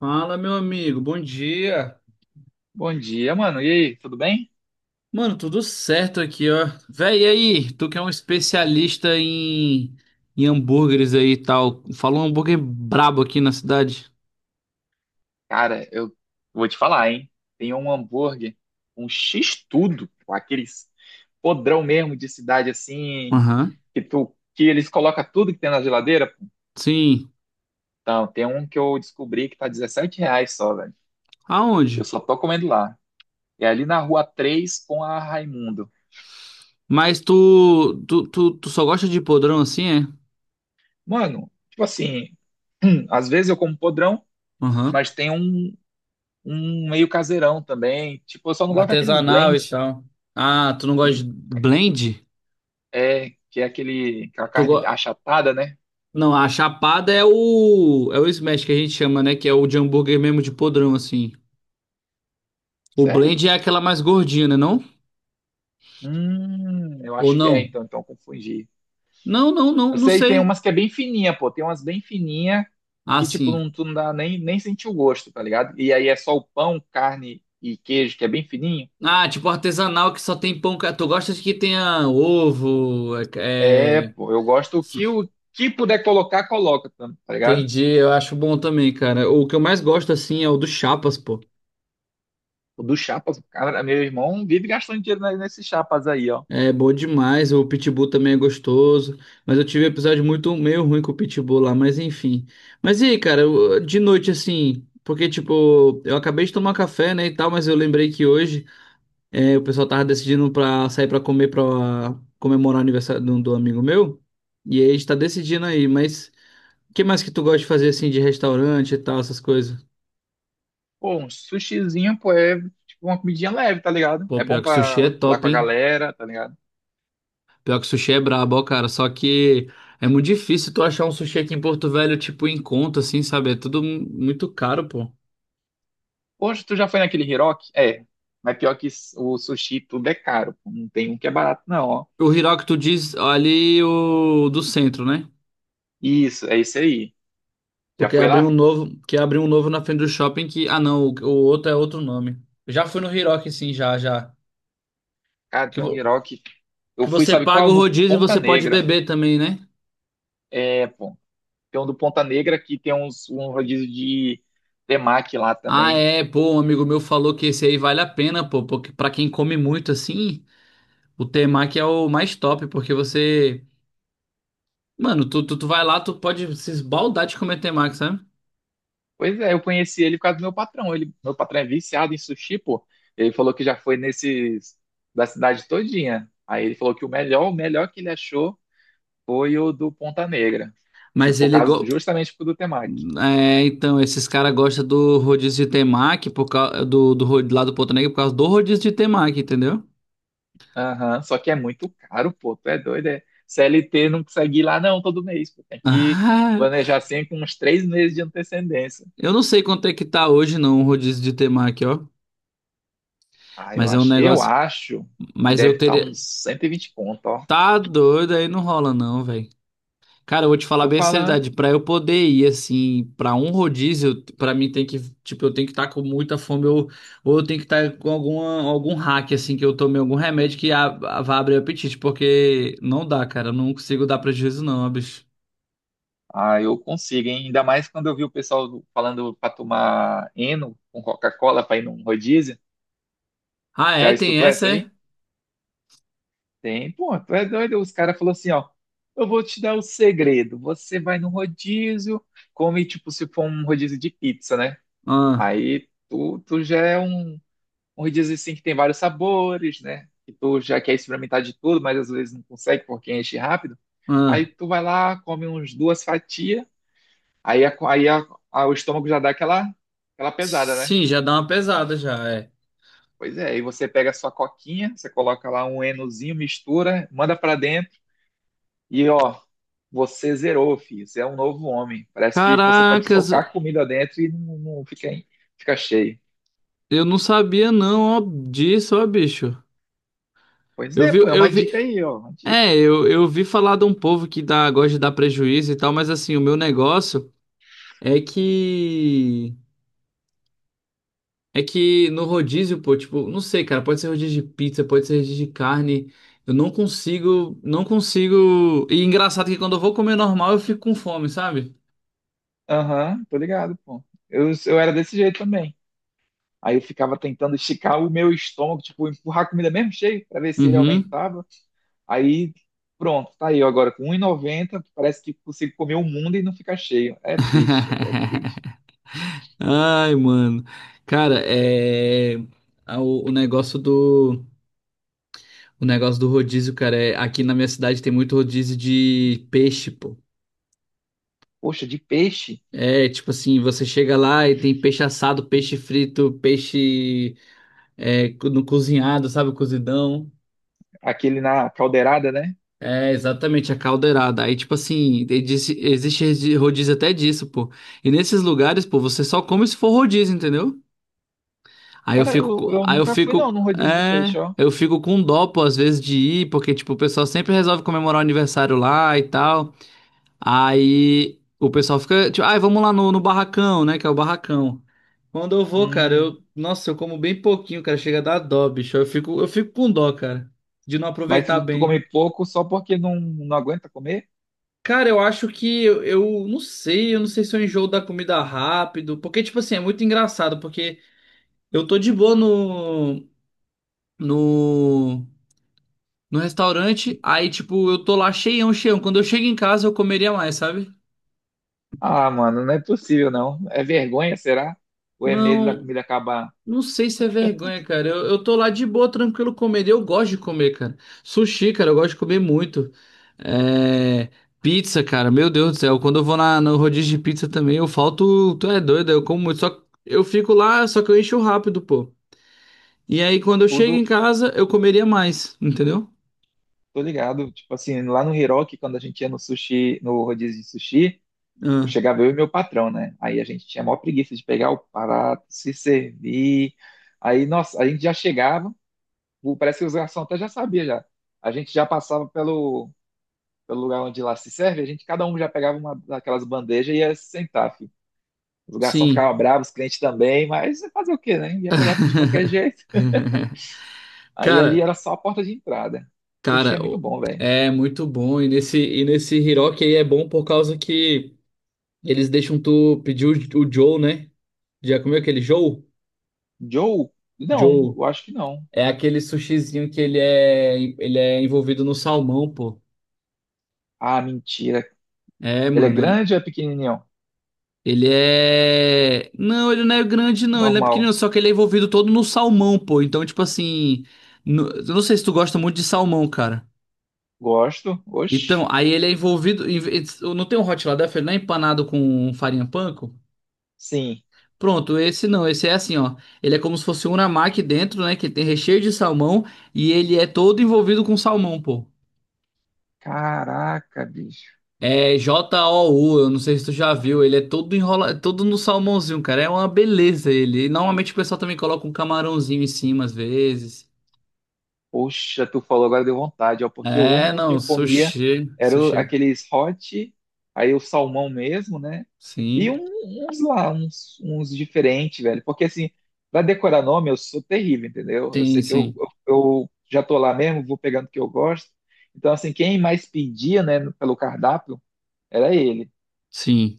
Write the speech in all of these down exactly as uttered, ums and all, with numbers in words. Fala, meu amigo, bom dia. Bom dia, mano. E aí, tudo bem? Mano, tudo certo aqui, ó. Véi, e aí? Tu que é um especialista em, em hambúrgueres aí e tal. Falou um hambúrguer brabo aqui na cidade. Cara, eu vou te falar, hein? Tem um hambúrguer, um X-tudo, pô, aqueles podrão mesmo de cidade assim, Aham. que tu, que eles colocam tudo que tem na geladeira. Sim. Então, tem um que eu descobri que tá R$ reais só, velho. Aonde? Eu só tô comendo lá. É ali na Rua três com a Raimundo. Mas tu, tu, tu, tu só gosta de podrão assim, é? Mano, tipo assim, às vezes eu como podrão, Aham. mas tem um, um meio caseirão também. Tipo, eu só não gosto daqueles Artesanal e blend, tal. Ah, tu não gosta aquele de blend? É, que é aquele, aquela Tu go... carne achatada, né? Não, a chapada é o é o smash que a gente chama, né? Que é o de hambúrguer mesmo de podrão, assim. O Sério? blend é aquela mais gordinha, né, não? Hum, eu Ou acho que é, não? então, então eu confundi. Não, não, não, Eu não sei, tem sei. umas que é bem fininha, pô, tem umas bem fininha Ah, que, tipo, sim. não, tu não dá nem, nem sentir o gosto, tá ligado? E aí é só o pão, carne e queijo, que é bem fininho. Ah, tipo artesanal que só tem pão. Ca- tu gosta de que tenha ovo? É, É, é, pô, eu gosto o que o que puder colocar, coloca, tá tá ligado? entendi, eu acho bom também, cara. O que eu mais gosto, assim, é o do Chapas, pô. O do Chapas, cara, meu irmão vive gastando dinheiro ne- nesses chapas aí, ó. É bom demais. O Pitbull também é gostoso. Mas eu tive um episódio muito meio ruim com o Pitbull lá, mas enfim. Mas e aí, cara, eu- de noite, assim. Porque, tipo, eu acabei de tomar café, né, e tal, mas eu lembrei que hoje. É, o pessoal tava decidindo pra sair pra comer pra comemorar o aniversário do, do amigo meu. E aí a gente tá decidindo aí, mas o que mais que tu gosta de fazer assim de restaurante e tal, essas coisas? Pô, um sushizinho, pô, é tipo uma comidinha leve, tá ligado? Pô, É bom pior que sushi é pra falar top, com a hein? galera, tá ligado? Pior que sushi é brabo, ó, cara. Só que é muito difícil tu achar um sushi aqui em Porto Velho, tipo, em conta, assim, sabe? É tudo mu- muito caro, pô. Hoje tu já foi naquele Hiroki? É, mas pior que s- o sushi tudo é caro, pô. Não tem um que é barato, não, ó. O Hiroki, tu diz ali o do centro, né? Isso, é isso aí. Já Porque foi abriu um lá? novo, que abriu um novo na frente do shopping que. Ah, não, o, o outro é outro nome. Eu já fui no Hiroki, sim, já, já. Cara, Que, tem um vo- Hiroki. que Eu fui, você sabe paga qual? o No rodízio e Ponta você pode Negra. beber também, né? É, pô. Tem um do Ponta Negra que tem uns, um rodízio de temaki lá Ah, também. é, pô, um amigo meu falou que esse aí vale a pena, pô, porque pra quem come muito assim, o temaki é o mais top, porque você, mano, tu, tu, tu vai lá, tu pode se esbaldar de comer temaki, sabe? Pois é, eu conheci ele por causa do meu patrão. Ele, meu patrão é viciado em sushi, pô. Ele falou que já foi nesses da cidade todinha. Aí ele falou que o melhor, o melhor que ele achou foi o do Ponta Negra, que Mas por ele, causa do, go... justamente por do Temac. é, então, esses caras gostam do rodízio de temaki, por causa do, do, ro- lá do Porto Negro, por causa do rodízio de temaki, entendeu? Aham, só que é muito caro, pô, tu é doido, é. C L T não consegue ir lá não todo mês, pô, tem que Ah, planejar assim com uns três meses de antecedência. eu não sei quanto é que tá hoje, não, o rodízio de temaki, ó, Ah, eu mas é um acho, eu negócio, acho que mas eu deve estar teria. uns cento e vinte conto, ó. Tá doido, aí não rola não, velho. Cara, eu vou te falar Tô bem a falando, seriedade, pra eu poder ir assim, pra um rodízio, eu- pra mim tem que, tipo, eu tenho que estar com muita fome ou, ou eu tenho que estar com alguma, algum hack assim que eu tomei algum remédio que a, a- vá abrir o apetite, porque não dá, cara, eu não consigo dar prejuízo não, ó, bicho. ah, eu consigo, hein? Ainda mais quando eu vi o pessoal falando pra tomar Eno com Coca-Cola pra ir num rodízio. Ah, é, Já tem escutou essa, essa é? aí? Tem, pô, tu é doido? Os caras falaram assim, ó, eu vou te dar o segredo. Você vai no rodízio, come tipo se for um rodízio de pizza, né? Ah, Aí tu, tu já é um, um rodízio assim que tem vários sabores, né? Que tu já quer experimentar de tudo, mas às vezes não consegue porque enche rápido. Aí ah. tu vai lá, come uns duas fatias, aí, a, aí a- a- o estômago já dá aquela, aquela pesada, né? Sim, já dá uma pesada já, é. Pois é, aí você pega a sua coquinha, você coloca lá um enozinho, mistura, manda pra dentro. E ó, você zerou, filho. Você é um novo homem. Parece que você pode Caracas, socar comida dentro e não, não fica, fica cheio. eu não sabia não, ó, disso, ó, bicho. Pois Eu é, vi, pô, é eu uma dica vi. aí, ó, uma dica. É, eu, eu vi falar de um povo que dá, gosta de dar prejuízo e tal, mas assim, o meu negócio é que. É que no rodízio, pô, tipo, não sei, cara, pode ser rodízio de pizza, pode ser rodízio de carne. Eu não consigo, não consigo. E engraçado que quando eu vou comer normal, eu fico com fome, sabe? Aham, tô ligado, pô. Eu, eu era desse jeito também. Aí eu ficava tentando esticar o meu estômago, tipo, empurrar a comida mesmo cheio, pra ver se ele Uhum. aumentava. Aí, pronto, tá aí, ó, agora com um e noventa, parece que consigo comer o mundo e não ficar cheio. É triste, olha, é triste. Ai, mano. Cara, é. A- O, o negócio do. O negócio do rodízio, cara, é. Aqui na minha cidade tem muito rodízio de peixe, pô. Poxa, de peixe, É, tipo assim, você chega lá e tem peixe assado, peixe frito, peixe é, co- no cozinhado, sabe, o cozidão. aquele na caldeirada, né? É, exatamente, a caldeirada. Aí, tipo assim, e disse- existe resi- rodízio até disso, pô. E nesses lugares, pô, você só come se for rodízio, entendeu? Aí eu Cara, eu, fico, co- eu aí eu nunca fui não fico, num rodízio de é, peixe, ó. eu fico com dó, pô, às vezes de ir, porque, tipo, o pessoal sempre resolve comemorar o aniversário lá e tal. Aí o pessoal fica, tipo, ai, vamos lá no, no barracão, né, que é o barracão. Quando eu vou, cara, Hum, eu, nossa, eu como bem pouquinho, cara, chega a dar dó, bicho. Eu fico, eu fico com dó, cara, de não mas aproveitar tu, tu bem. come pouco só porque não, não aguenta comer? Cara, eu acho que eu, eu não sei, eu não sei se eu enjoo da comida rápido, porque tipo assim, é muito engraçado, porque eu tô de boa no no no restaurante, aí tipo, eu tô lá cheião, cheião. Quando eu chego em casa, eu comeria mais, sabe? Ah, mano, não é possível não. É vergonha, será? Ou é medo da Não, comida acabar? não sei se é vergonha, cara. Eu, eu tô lá de boa, tranquilo, comendo. Eu gosto de comer, cara. Sushi, cara, eu gosto de comer muito. É... Pizza, cara, meu Deus do céu. Quando eu vou na, no rodízio de pizza também, eu falto. Tu é doido, eu como muito. Só que eu fico lá, só que eu encho rápido, pô. E aí, quando eu chego em Tudo, casa, eu comeria mais, entendeu? tô ligado. Tipo assim, lá no Hiroki, quando a gente ia no sushi, no rodízio de sushi, eu Ah, chegava eu e meu patrão, né? Aí a gente tinha a maior preguiça de pegar o prato, se servir. Aí, nossa, a gente já chegava, o- parece que os garçons até já sabia já. A gente já passava pelo pelo lugar onde lá se serve, a gente cada um já pegava uma daquelas bandejas e ia se sentar, filho. Os garçons sim. ficavam bravos, os clientes também, mas fazer o quê, né? Ia pegar tudo de qualquer jeito. Aí ali Cara, era só a porta de entrada. Sushi cara, é muito o- bom, velho. é muito bom. E nesse, e nesse Hiroki aí é bom por causa que. Eles deixam tu pedir o, o Joe, né? Já comeu aquele Joe? Joe? Não, Joe. eu acho que não. É aquele sushizinho que ele Joe. é, ele é envolvido no salmão, pô. Ah, mentira. É, Ele é mano, ele, grande ou é pequenininho? ele é. Não, ele não é grande, não. Ele não é Normal. pequenino, só que ele é envolvido todo no salmão, pô. Então, tipo assim. No- eu não sei se tu gosta muito de salmão, cara. Gosto. Então, Oxe. aí ele é envolvido. Em- em- não tem um hot lá dentro, ele não é empanado com farinha panko? Sim. Pronto, esse não, esse é assim, ó. Ele é como se fosse um unamaki dentro, né? Que tem recheio de salmão e ele é todo envolvido com salmão, pô. Caraca, bicho. É J-O-U, eu não sei se tu já viu. Ele é todo enrola, todo no salmãozinho, cara. É uma beleza ele. E normalmente o pessoal também coloca um camarãozinho em cima às vezes. Poxa, tu falou agora deu vontade, ó, porque o É, único que não, eu comia sushi, era o- sushi. aqueles hot, aí o salmão mesmo, né? E Sim, um- uns lá, uns, uns diferentes, velho. Porque assim, pra decorar nome, eu sou terrível, entendeu? Eu sim, sei que eu, sim, eu, eu já tô lá mesmo, vou pegando o que eu gosto. Então, assim, quem mais pedia, né, pelo cardápio, era ele, sim.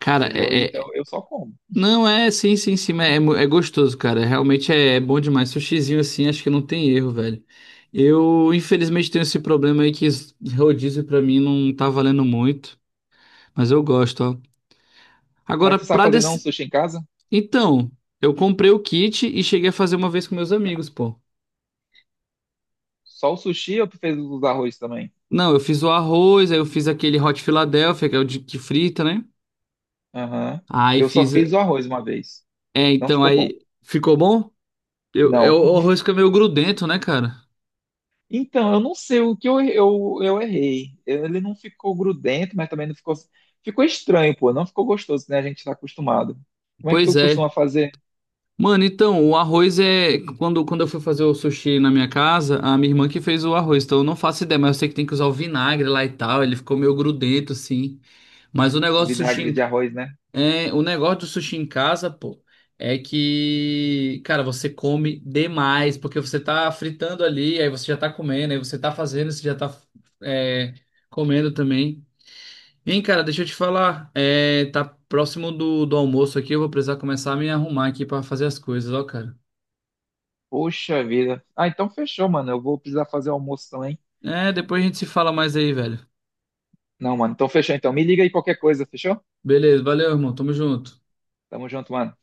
Cara, entendeu? é, Então, é, eu só como. Não, é, sim, sim, sim, mas é, mu- é gostoso, cara. Realmente é, é bom demais. Sushizinho assim, acho que não tem erro, velho. Eu, infelizmente, tenho esse problema aí que esse rodízio pra mim não tá valendo muito, mas eu gosto, ó. Mas Agora, tu sabe pra fazer não desse... sushi em casa? Então, eu comprei o kit e cheguei a fazer uma vez com meus amigos, pô. Só o sushi ou tu fez os arroz também? Não, eu fiz o arroz, aí eu fiz aquele Hot Philadelphia, que é o de que frita, né? Aham. Aí Eu só fiz... fiz o arroz uma vez. É, Não então, ficou bom. aí... Ficou bom? Eu, eu, Não. o arroz fica meio grudento, né, cara? Então, eu não sei o que eu, eu, eu errei. Ele não ficou grudento, mas também não ficou. Ficou estranho, pô. Não ficou gostoso, né? A gente tá acostumado. Como é que Pois tu é. costuma fazer Mano, então, o arroz é. Quando, quando eu fui fazer o sushi na minha casa, a minha irmã que fez o arroz, então eu não faço ideia, mas eu sei que tem que usar o vinagre lá e tal, ele ficou meio grudento, assim. Mas o negócio do sushi vinagre em... de arroz, né? é... o negócio do sushi em casa, pô, é que, cara, você come demais, porque você tá fritando ali, aí você já tá comendo, aí você tá fazendo, você já tá é, comendo também. Hein, cara, deixa eu te falar, é, tá próximo do, do almoço aqui, eu vou precisar começar a me arrumar aqui pra fazer as coisas, ó, cara. Poxa vida. Ah, então fechou, mano. Eu vou precisar fazer o almoço também. É, depois a gente se fala mais aí, velho. Não, mano. Então fechou. Então me liga aí qualquer coisa, fechou? Beleza, valeu, irmão. Tamo junto. Tamo junto, mano.